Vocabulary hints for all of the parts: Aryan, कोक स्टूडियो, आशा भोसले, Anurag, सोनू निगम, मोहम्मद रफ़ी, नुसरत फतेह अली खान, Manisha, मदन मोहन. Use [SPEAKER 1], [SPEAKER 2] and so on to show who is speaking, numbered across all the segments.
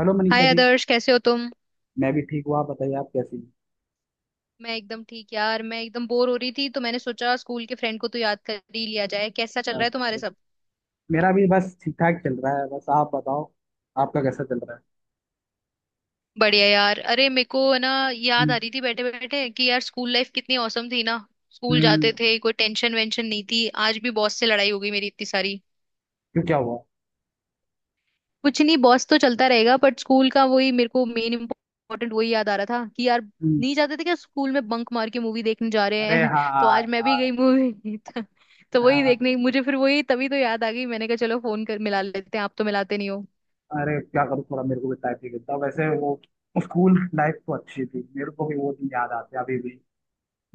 [SPEAKER 1] Hello Manisha
[SPEAKER 2] hi
[SPEAKER 1] ji.
[SPEAKER 2] Adarsh कैसे हो तुम।
[SPEAKER 1] मैं भी ठीक हूँ, आप बताइए आप कैसी हैं?
[SPEAKER 2] मैं एकदम ठीक यार। मैं एकदम बोर हो रही थी तो मैंने सोचा स्कूल के फ्रेंड को तो याद कर ही लिया जाए। कैसा चल रहा है तुम्हारे
[SPEAKER 1] अच्छा,
[SPEAKER 2] सब।
[SPEAKER 1] मेरा भी बस ठीक ठाक चल रहा है। बस आप बताओ, आपका कैसा चल रहा है?
[SPEAKER 2] बढ़िया यार। अरे मेरे को है ना याद आ
[SPEAKER 1] हम्म।
[SPEAKER 2] रही थी बैठे बैठे कि यार स्कूल लाइफ कितनी औसम थी ना। स्कूल
[SPEAKER 1] हम्म,
[SPEAKER 2] जाते थे कोई टेंशन वेंशन नहीं थी। आज भी बॉस से लड़ाई हो गई मेरी इतनी सारी।
[SPEAKER 1] क्यों क्या हुआ?
[SPEAKER 2] कुछ नहीं, बॉस तो चलता रहेगा, बट स्कूल का वही मेरे को मेन इम्पोर्टेंट वही याद आ रहा था कि यार
[SPEAKER 1] हम्म।
[SPEAKER 2] नहीं जाते थे क्या स्कूल में बंक मार के मूवी देखने जा रहे
[SPEAKER 1] अरे
[SPEAKER 2] हैं।
[SPEAKER 1] हाँ
[SPEAKER 2] तो आज मैं भी
[SPEAKER 1] यार।
[SPEAKER 2] गई मूवी। तो वही
[SPEAKER 1] हाँ,
[SPEAKER 2] देखने मुझे फिर वही तभी तो याद आ गई। मैंने कहा चलो फोन कर मिला लेते हैं, आप तो मिलाते नहीं हो।
[SPEAKER 1] अरे क्या करूँ, थोड़ा मेरे को भी टाइम नहीं मिलता वैसे। वो स्कूल लाइफ तो अच्छी थी, मेरे को भी वो दिन याद आते हैं अभी भी।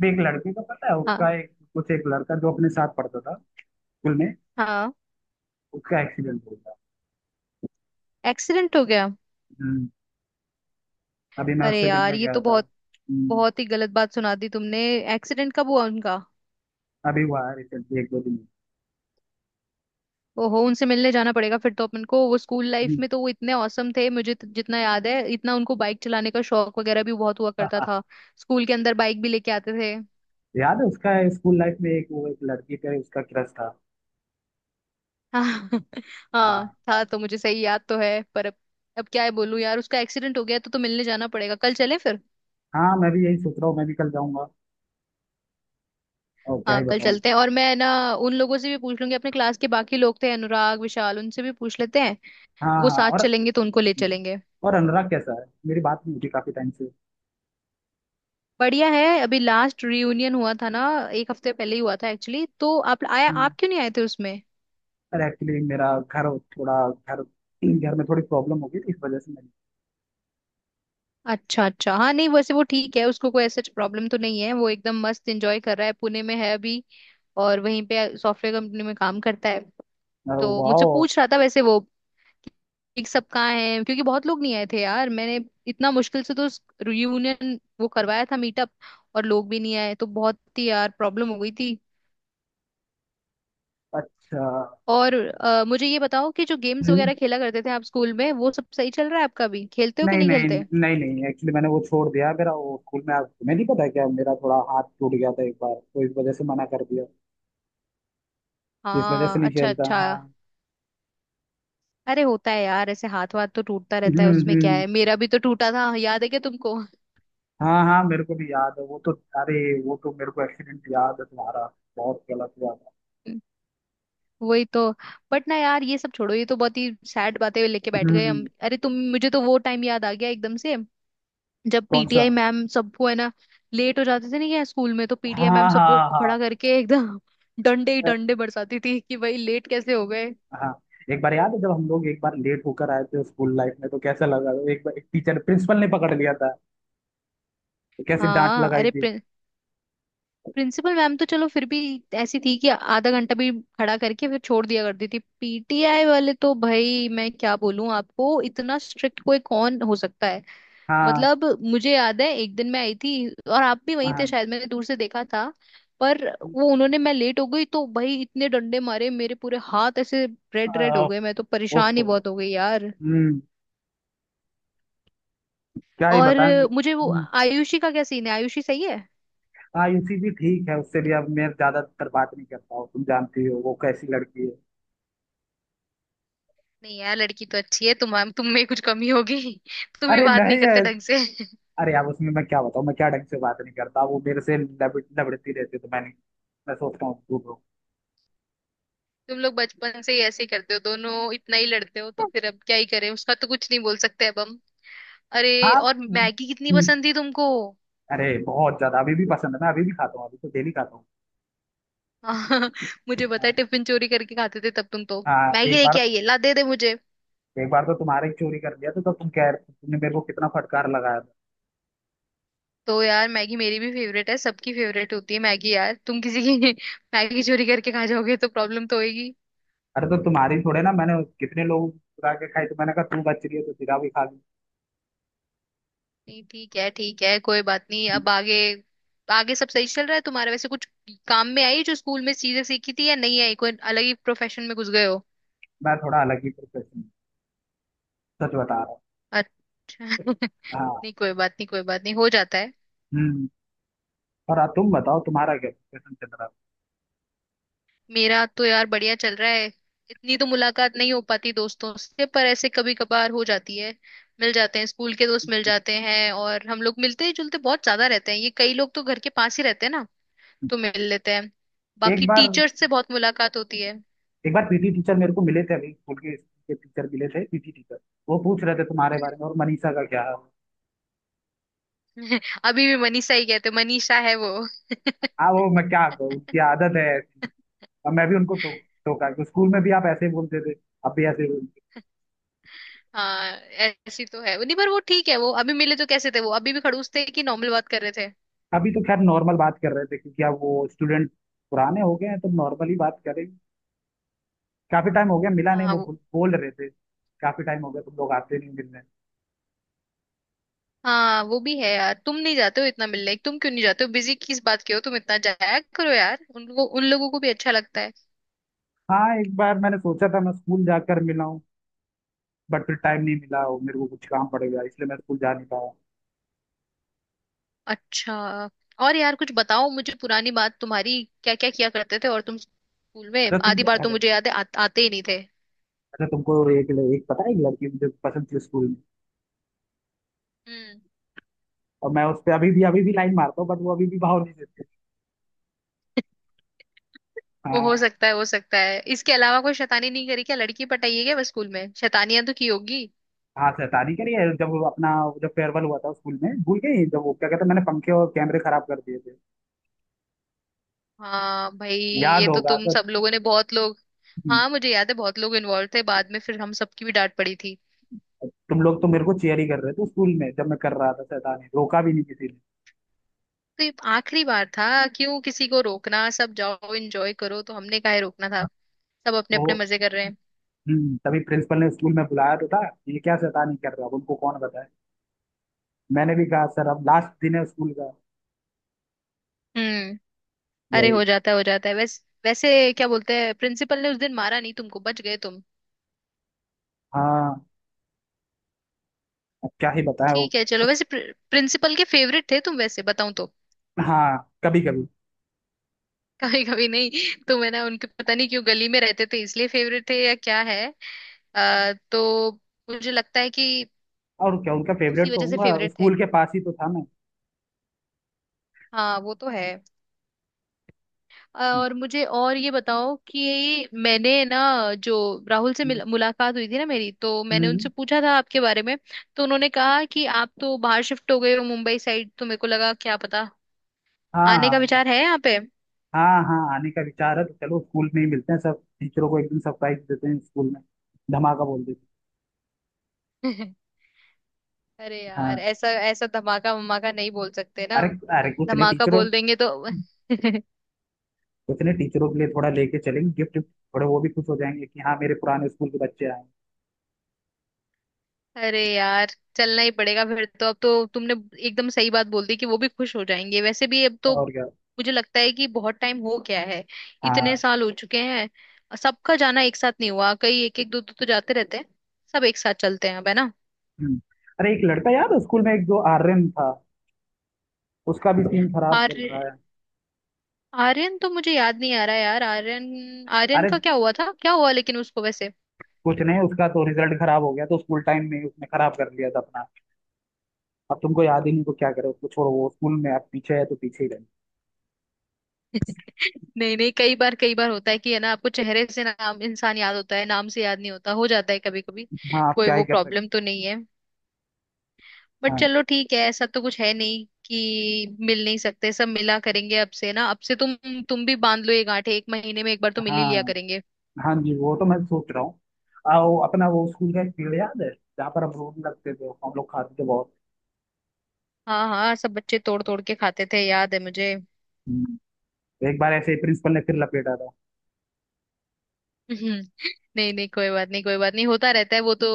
[SPEAKER 1] भी एक लड़के का पता है,
[SPEAKER 2] हाँ।
[SPEAKER 1] उसका एक कुछ एक लड़का जो अपने साथ पढ़ता था स्कूल में,
[SPEAKER 2] हाँ,
[SPEAKER 1] उसका एक्सीडेंट हो गया।
[SPEAKER 2] एक्सीडेंट हो गया।
[SPEAKER 1] हम्म। अभी मैं
[SPEAKER 2] अरे
[SPEAKER 1] उससे
[SPEAKER 2] यार
[SPEAKER 1] मिलने
[SPEAKER 2] ये
[SPEAKER 1] गया
[SPEAKER 2] तो
[SPEAKER 1] था।
[SPEAKER 2] बहुत
[SPEAKER 1] हम्म।
[SPEAKER 2] बहुत ही गलत बात सुना दी तुमने। एक्सीडेंट कब हुआ उनका।
[SPEAKER 1] अभी हुआ है रिसेंटली, एक दो दिन।
[SPEAKER 2] ओहो, उनसे मिलने जाना पड़ेगा फिर तो अपन को। वो स्कूल लाइफ
[SPEAKER 1] हम्म।
[SPEAKER 2] में तो वो इतने औसम थे मुझे तो जितना याद है, इतना उनको बाइक चलाने का शौक वगैरह भी बहुत हुआ करता था। स्कूल के अंदर बाइक भी लेके आते थे।
[SPEAKER 1] याद है उसका स्कूल लाइफ में एक वो एक लड़की पे उसका क्रश था।
[SPEAKER 2] हाँ। हाँ
[SPEAKER 1] हाँ।
[SPEAKER 2] था, तो मुझे सही याद तो है पर अब क्या है बोलूं यार, उसका एक्सीडेंट हो गया तो मिलने जाना पड़ेगा। कल चलें फिर।
[SPEAKER 1] हाँ मैं भी यही सोच रहा हूँ, मैं भी कल जाऊंगा। और क्या ही
[SPEAKER 2] हाँ कल
[SPEAKER 1] बताऊं।
[SPEAKER 2] चलते हैं। और मैं ना उन लोगों से भी पूछ लूंगी, अपने क्लास के बाकी लोग थे अनुराग विशाल, उनसे भी पूछ लेते हैं।
[SPEAKER 1] हाँ
[SPEAKER 2] वो
[SPEAKER 1] हाँ।
[SPEAKER 2] साथ चलेंगे तो उनको ले चलेंगे।
[SPEAKER 1] और अनुराग कैसा है? मेरी बात नहीं होती काफी टाइम से।
[SPEAKER 2] बढ़िया है। अभी लास्ट रियूनियन हुआ था ना, एक हफ्ते पहले ही हुआ था एक्चुअली, तो आप आया
[SPEAKER 1] हम्म,
[SPEAKER 2] आप क्यों नहीं आए थे उसमें।
[SPEAKER 1] अरे एक्चुअली मेरा घर, थोड़ा घर घर में थोड़ी प्रॉब्लम हो गई थी, इस वजह से मैंने।
[SPEAKER 2] अच्छा अच्छा। हाँ नहीं वैसे वो ठीक है, उसको कोई ऐसा प्रॉब्लम तो नहीं है। वो एकदम मस्त एंजॉय कर रहा है, पुणे में है अभी और वहीं पे सॉफ्टवेयर कंपनी में काम करता है। तो मुझसे
[SPEAKER 1] वाह।
[SPEAKER 2] पूछ रहा था वैसे वो कि सब कहाँ है, क्योंकि बहुत लोग नहीं आए थे यार। मैंने इतना मुश्किल से तो रियूनियन वो करवाया था, मीटअप, और लोग भी नहीं आए तो बहुत ही यार प्रॉब्लम हो गई थी।
[SPEAKER 1] अच्छा।
[SPEAKER 2] और मुझे ये बताओ कि जो गेम्स
[SPEAKER 1] हम्म,
[SPEAKER 2] वगैरह खेला करते थे आप स्कूल में वो सब सही चल रहा है आपका भी। खेलते हो कि
[SPEAKER 1] नहीं
[SPEAKER 2] नहीं
[SPEAKER 1] नहीं।
[SPEAKER 2] खेलते।
[SPEAKER 1] नहीं नहीं, एक्चुअली मैंने वो छोड़ दिया। मेरा वो स्कूल में तुम्हें नहीं पता है क्या, मेरा थोड़ा हाथ टूट गया था एक बार, तो इस वजह से मना कर दिया। इस वजह
[SPEAKER 2] हाँ
[SPEAKER 1] से नहीं
[SPEAKER 2] अच्छा
[SPEAKER 1] खेलता। हाँ।
[SPEAKER 2] अच्छा। अरे होता है यार, ऐसे हाथ वाथ तो टूटता रहता है, उसमें क्या
[SPEAKER 1] हम्म।
[SPEAKER 2] है। मेरा भी तो टूटा था, याद है क्या तुमको।
[SPEAKER 1] हाँ हाँ, मेरे को भी याद है वो तो। अरे, वो तो मेरे को एक्सीडेंट याद है तुम्हारा, बहुत गलत हुआ था।
[SPEAKER 2] वही तो। बट ना यार ये सब छोड़ो, ये तो बहुत ही सैड बातें लेके बैठ गए हम।
[SPEAKER 1] हम्म।
[SPEAKER 2] अरे तुम, मुझे तो वो टाइम याद आ गया एकदम से जब
[SPEAKER 1] कौन सा?
[SPEAKER 2] पीटीआई मैम सबको है ना लेट हो जाते थे ना क्या स्कूल में, तो पीटीआई मैम
[SPEAKER 1] हाँ
[SPEAKER 2] सबको
[SPEAKER 1] हाँ हाँ।
[SPEAKER 2] खड़ा करके एकदम डंडे ही डंडे बरसाती थी कि भाई लेट कैसे हो गए।
[SPEAKER 1] हाँ, एक बार याद है जब हम लोग एक बार लेट होकर आए थे स्कूल लाइफ में, तो कैसा लगा, एक बार एक टीचर प्रिंसिपल ने पकड़ लिया था, तो कैसे डांट
[SPEAKER 2] हाँ
[SPEAKER 1] लगाई
[SPEAKER 2] अरे,
[SPEAKER 1] थी।
[SPEAKER 2] प्रिंसिपल मैम तो चलो फिर भी ऐसी थी कि आधा घंटा भी खड़ा करके फिर छोड़ दिया करती थी। पीटीआई वाले तो भाई मैं क्या बोलूं आपको, इतना स्ट्रिक्ट कोई कौन हो सकता है,
[SPEAKER 1] हाँ।
[SPEAKER 2] मतलब। मुझे याद है एक दिन मैं आई थी और आप भी वहीं
[SPEAKER 1] हाँ।
[SPEAKER 2] थे शायद, मैंने दूर से देखा था। पर वो उन्होंने, मैं लेट हो गई तो भाई इतने डंडे मारे मेरे, पूरे हाथ ऐसे
[SPEAKER 1] अ,
[SPEAKER 2] रेड रेड हो गए। मैं तो परेशान ही
[SPEAKER 1] ओफो।
[SPEAKER 2] बहुत हो गई यार।
[SPEAKER 1] हम्म, क्या ही
[SPEAKER 2] और
[SPEAKER 1] बताएं।
[SPEAKER 2] मुझे वो आयुषी का क्या सीन है, आयुषी सही है।
[SPEAKER 1] हाँ यूसी भी ठीक है। उससे भी अब मैं ज्यादातर बात नहीं करता हूँ, तुम जानती हो वो कैसी लड़की है।
[SPEAKER 2] नहीं यार लड़की तो अच्छी है, तुम में कुछ कमी होगी। तुम भी
[SPEAKER 1] अरे
[SPEAKER 2] बात नहीं
[SPEAKER 1] नहीं है।
[SPEAKER 2] करते ढंग से।
[SPEAKER 1] अरे यार, उसमें मैं क्या बताऊँ, मैं क्या ढंग से बात नहीं करता? वो मेरे से लबड़ती रहती है, तो मैंने, मैं सोचता हूँ दूर रहो।
[SPEAKER 2] तुम लोग बचपन से ही ऐसे ही करते हो दोनों, इतना ही लड़ते हो तो फिर अब क्या ही करें, उसका तो कुछ नहीं बोल सकते अब हम। अरे
[SPEAKER 1] हाँ।
[SPEAKER 2] और
[SPEAKER 1] हम्म,
[SPEAKER 2] मैगी कितनी
[SPEAKER 1] हम्म,
[SPEAKER 2] पसंद थी तुमको।
[SPEAKER 1] अरे बहुत ज्यादा अभी भी पसंद है। मैं अभी भी खाता हूँ, अभी तो डेली खाता हूँ।
[SPEAKER 2] मुझे पता है
[SPEAKER 1] हाँ।
[SPEAKER 2] टिफिन चोरी करके खाते थे तब तुम तो।
[SPEAKER 1] हाँ,
[SPEAKER 2] मैगी
[SPEAKER 1] एक बार।
[SPEAKER 2] लेके आइए, ला दे दे मुझे।
[SPEAKER 1] एक बार तो तुम्हारे ही चोरी कर लिया था, तो तुम कह रहे, तुमने मेरे को कितना फटकार लगाया था।
[SPEAKER 2] तो यार मैगी मेरी भी फेवरेट है, सबकी फेवरेट होती है मैगी यार, तुम किसी की मैगी चोरी करके खा जाओगे तो प्रॉब्लम तो होगी।
[SPEAKER 1] अरे तो तुम्हारी थोड़े ना, मैंने कितने लोग चुरा के खाई, तो मैंने कहा तू बच रही है तो तेरा भी खा ली।
[SPEAKER 2] नहीं ठीक है ठीक है कोई बात नहीं। अब आगे आगे सब सही चल रहा है तुम्हारा वैसे, कुछ काम में आई जो स्कूल में चीजें सीखी थी या नहीं आई, कोई अलग ही प्रोफेशन में घुस गए हो।
[SPEAKER 1] मैं थोड़ा अलग ही प्रोफेशन, सच बता रहा हूँ।
[SPEAKER 2] अच्छा।
[SPEAKER 1] हाँ।
[SPEAKER 2] नहीं कोई बात नहीं कोई बात नहीं, हो जाता है।
[SPEAKER 1] हम्म। और तुम बताओ, तुम्हारा क्या प्रोफेशन चल रहा
[SPEAKER 2] मेरा तो यार बढ़िया चल रहा है। इतनी तो मुलाकात नहीं हो पाती दोस्तों से पर ऐसे कभी कभार हो जाती है। मिल जाते हैं, स्कूल के दोस्त मिल जाते हैं, और हम लोग मिलते जुलते बहुत ज्यादा रहते हैं। ये कई लोग तो घर के पास ही रहते हैं ना तो मिल लेते हैं।
[SPEAKER 1] है? एक
[SPEAKER 2] बाकी
[SPEAKER 1] बार,
[SPEAKER 2] टीचर्स से बहुत मुलाकात होती है।
[SPEAKER 1] एक बार पीटी टीचर मेरे को मिले थे। अभी स्कूल के टीचर मिले थे, पीटी टीचर। वो पूछ रहे थे तुम्हारे बारे में, और मनीषा का क्या हाल है।
[SPEAKER 2] अभी भी मनीषा ही कहते, मनीषा है वो।
[SPEAKER 1] हाँ वो मैं क्या कहूँ, उनकी आदत है ऐसी। अब मैं भी उनको टोका कि स्कूल में भी आप ऐसे ही बोलते थे, अब भी ऐसे ही बोलते
[SPEAKER 2] हाँ ऐसी तो है नहीं पर वो ठीक है। वो अभी मिले तो कैसे थे, वो अभी भी खड़ूस थे कि नॉर्मल बात कर रहे थे।
[SPEAKER 1] हो। अभी तो खैर नॉर्मल बात कर रहे थे, क्योंकि अब वो स्टूडेंट पुराने हो गए हैं तो नॉर्मली बात करें। काफी टाइम हो गया मिला नहीं,
[SPEAKER 2] हाँ
[SPEAKER 1] वो बोल
[SPEAKER 2] वो,
[SPEAKER 1] बोल रहे थे काफी टाइम हो गया तुम लोग आते नहीं मिलने।
[SPEAKER 2] हाँ वो भी है यार। तुम नहीं जाते हो इतना मिलने, तुम क्यों नहीं जाते हो, बिजी किस बात के हो तुम, इतना जाया करो यार, उन लोगों को भी अच्छा लगता है।
[SPEAKER 1] हाँ, एक बार मैंने सोचा था मैं स्कूल जाकर मिला हूँ, बट फिर टाइम नहीं मिला और मेरे को कुछ काम पड़ गया, इसलिए मैं स्कूल जा नहीं पाया।
[SPEAKER 2] अच्छा। और यार कुछ बताओ मुझे पुरानी बात तुम्हारी, क्या क्या किया करते थे, और तुम स्कूल में
[SPEAKER 1] अच्छा तुम,
[SPEAKER 2] आधी बार तो मुझे याद है आते ही नहीं थे।
[SPEAKER 1] अच्छा तुमको एक, एक पता है, एक लड़की मुझे पसंद थी स्कूल में,
[SPEAKER 2] हम्म।
[SPEAKER 1] और मैं उस पे अभी भी लाइन मारता हूँ, बट वो अभी भी भाव नहीं देती।
[SPEAKER 2] वो
[SPEAKER 1] हाँ।
[SPEAKER 2] हो सकता है हो सकता है। इसके अलावा कोई शैतानी नहीं करी क्या, लड़की पटाई है क्या बस, स्कूल में शैतानियां तो की होगी।
[SPEAKER 1] हाँ शैतानी करी है, जब वो अपना, जब फेयरवेल हुआ था स्कूल में, भूल गई जब वो क्या कहते हैं, मैंने पंखे और कैमरे खराब कर दिए थे,
[SPEAKER 2] हाँ भाई
[SPEAKER 1] याद
[SPEAKER 2] ये तो
[SPEAKER 1] होगा
[SPEAKER 2] तुम
[SPEAKER 1] तो।
[SPEAKER 2] सब लोगों ने, बहुत लोग।
[SPEAKER 1] हम्म,
[SPEAKER 2] हाँ मुझे याद है बहुत लोग इन्वॉल्व थे, बाद में फिर हम सबकी भी डांट पड़ी थी।
[SPEAKER 1] तुम लोग तो मेरे को चेयर ही कर रहे थे स्कूल में, जब मैं कर रहा था शैतानी, रोका भी नहीं किसी ने।
[SPEAKER 2] तो ये आखिरी बार था, क्यों किसी को रोकना, सब जाओ एंजॉय करो, तो हमने काहे रोकना था। सब अपने अपने
[SPEAKER 1] तो
[SPEAKER 2] मजे कर रहे हैं।
[SPEAKER 1] तभी प्रिंसिपल ने स्कूल में बुलाया तो था, ये क्या शैतानी कर रहा है, उनको कौन बताए। मैंने भी कहा सर अब लास्ट दिन है स्कूल का,
[SPEAKER 2] हम्म। अरे
[SPEAKER 1] वही।
[SPEAKER 2] हो जाता है वैसे वैसे, क्या बोलते हैं, प्रिंसिपल ने उस दिन मारा नहीं तुमको, बच गए तुम।
[SPEAKER 1] हाँ, अब क्या ही बताएं वो।
[SPEAKER 2] ठीक है चलो, वैसे प्रिंसिपल के फेवरेट थे तुम वैसे बताऊं तो।
[SPEAKER 1] हाँ कभी कभी।
[SPEAKER 2] कभी कभी नहीं। तो मैं ना उनके पता नहीं क्यों, गली में रहते थे इसलिए फेवरेट थे या क्या है, तो मुझे लगता है कि
[SPEAKER 1] और क्या उनका
[SPEAKER 2] उसी
[SPEAKER 1] फेवरेट तो
[SPEAKER 2] वजह से
[SPEAKER 1] होगा,
[SPEAKER 2] फेवरेट थे।
[SPEAKER 1] स्कूल के पास ही तो था मैं।
[SPEAKER 2] हाँ वो तो है। और मुझे और ये बताओ कि मैंने ना जो राहुल से
[SPEAKER 1] हम्म,
[SPEAKER 2] मुलाकात हुई थी ना मेरी, तो मैंने
[SPEAKER 1] हम्म,
[SPEAKER 2] उनसे पूछा था आपके बारे में। तो उन्होंने कहा कि आप तो बाहर शिफ्ट हो गए हो मुंबई साइड, तो मेरे को लगा क्या पता
[SPEAKER 1] हाँ
[SPEAKER 2] आने का
[SPEAKER 1] हाँ
[SPEAKER 2] विचार है यहाँ पे।
[SPEAKER 1] हाँ। हाँ आने का विचार है, तो चलो स्कूल में ही मिलते हैं, सब टीचरों को एक दिन सरप्राइज देते हैं स्कूल में, धमाका बोल देते
[SPEAKER 2] अरे
[SPEAKER 1] हैं।
[SPEAKER 2] यार
[SPEAKER 1] हाँ,
[SPEAKER 2] ऐसा ऐसा धमाका वमाका नहीं बोल सकते ना,
[SPEAKER 1] अरे, अरे कुछ नहीं
[SPEAKER 2] धमाका
[SPEAKER 1] टीचरों,
[SPEAKER 2] बोल देंगे तो।
[SPEAKER 1] कुछ नहीं टीचरों के लिए थोड़ा लेके चलेंगे गिफ्ट, थोड़े वो भी खुश हो जाएंगे कि हाँ मेरे पुराने स्कूल के बच्चे आए हैं।
[SPEAKER 2] अरे यार चलना ही पड़ेगा फिर तो। अब तो तुमने एकदम सही बात बोल दी कि वो भी खुश हो जाएंगे, वैसे भी अब तो
[SPEAKER 1] और क्या।
[SPEAKER 2] मुझे लगता है कि बहुत टाइम हो गया है, इतने
[SPEAKER 1] हाँ।
[SPEAKER 2] साल हो चुके हैं। सबका जाना एक साथ नहीं हुआ, कई एक एक दो दो तो जाते रहते हैं, सब एक साथ चलते हैं अब है ना।
[SPEAKER 1] हम्म। अरे एक लड़का याद है स्कूल में एक जो आर्यन था, उसका भी सीन खराब चल रहा
[SPEAKER 2] आर्य,
[SPEAKER 1] है।
[SPEAKER 2] आर्यन तो मुझे याद नहीं आ रहा यार, आर्यन, आर्यन
[SPEAKER 1] अरे
[SPEAKER 2] का क्या हुआ था, क्या हुआ लेकिन उसको वैसे।
[SPEAKER 1] कुछ नहीं, उसका तो रिजल्ट खराब हो गया, तो स्कूल टाइम में ही उसने खराब कर लिया था अपना। अब तुमको याद ही नहीं तो क्या करें, उसको छोड़ो, वो स्कूल में आप पीछे है तो पीछे ही रहे।
[SPEAKER 2] नहीं नहीं कई बार कई बार होता है कि है ना, आपको चेहरे से नाम, इंसान याद होता है, नाम से याद नहीं होता, हो जाता है कभी कभी,
[SPEAKER 1] हाँ आप
[SPEAKER 2] कोई
[SPEAKER 1] क्या ही
[SPEAKER 2] वो
[SPEAKER 1] कर सकते
[SPEAKER 2] प्रॉब्लम तो नहीं है। बट
[SPEAKER 1] हैं। हाँ।
[SPEAKER 2] चलो ठीक है, ऐसा तो कुछ है नहीं कि मिल नहीं सकते। सब मिला करेंगे अब से ना, अब से तुम भी बांध लो ये गांठें, एक महीने में एक बार तो मिल ही लिया
[SPEAKER 1] हाँ
[SPEAKER 2] करेंगे।
[SPEAKER 1] हाँ जी वो तो मैं सोच रहा हूँ। वो अपना, वो स्कूल का एक पेड़ याद है जहाँ पर हम रोड लगते थे, हम लोग खाते थे बहुत।
[SPEAKER 2] हाँ हाँ सब बच्चे तोड़ तोड़ के खाते थे, याद है मुझे।
[SPEAKER 1] हम्म। एक बार ऐसे ही प्रिंसिपल ने फिर लपेटा था।
[SPEAKER 2] हम्म, नहीं नहीं कोई बात नहीं कोई बात नहीं, होता रहता है वो तो,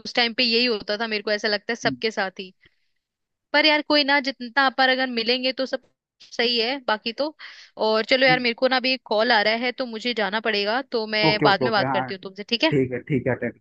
[SPEAKER 2] उस टाइम पे यही होता था, मेरे को ऐसा लगता है
[SPEAKER 1] हम्म।
[SPEAKER 2] सबके साथ ही। पर यार कोई ना, जितना अपन अगर मिलेंगे तो सब सही है, बाकी तो। और चलो यार
[SPEAKER 1] हम्म।
[SPEAKER 2] मेरे को ना अभी एक कॉल आ रहा है तो मुझे जाना पड़ेगा, तो मैं
[SPEAKER 1] ओके
[SPEAKER 2] बाद
[SPEAKER 1] ओके
[SPEAKER 2] में
[SPEAKER 1] ओके।
[SPEAKER 2] बात
[SPEAKER 1] हाँ
[SPEAKER 2] करती हूँ तुमसे, ठीक है।
[SPEAKER 1] ठीक है ठीक है, अटेंड।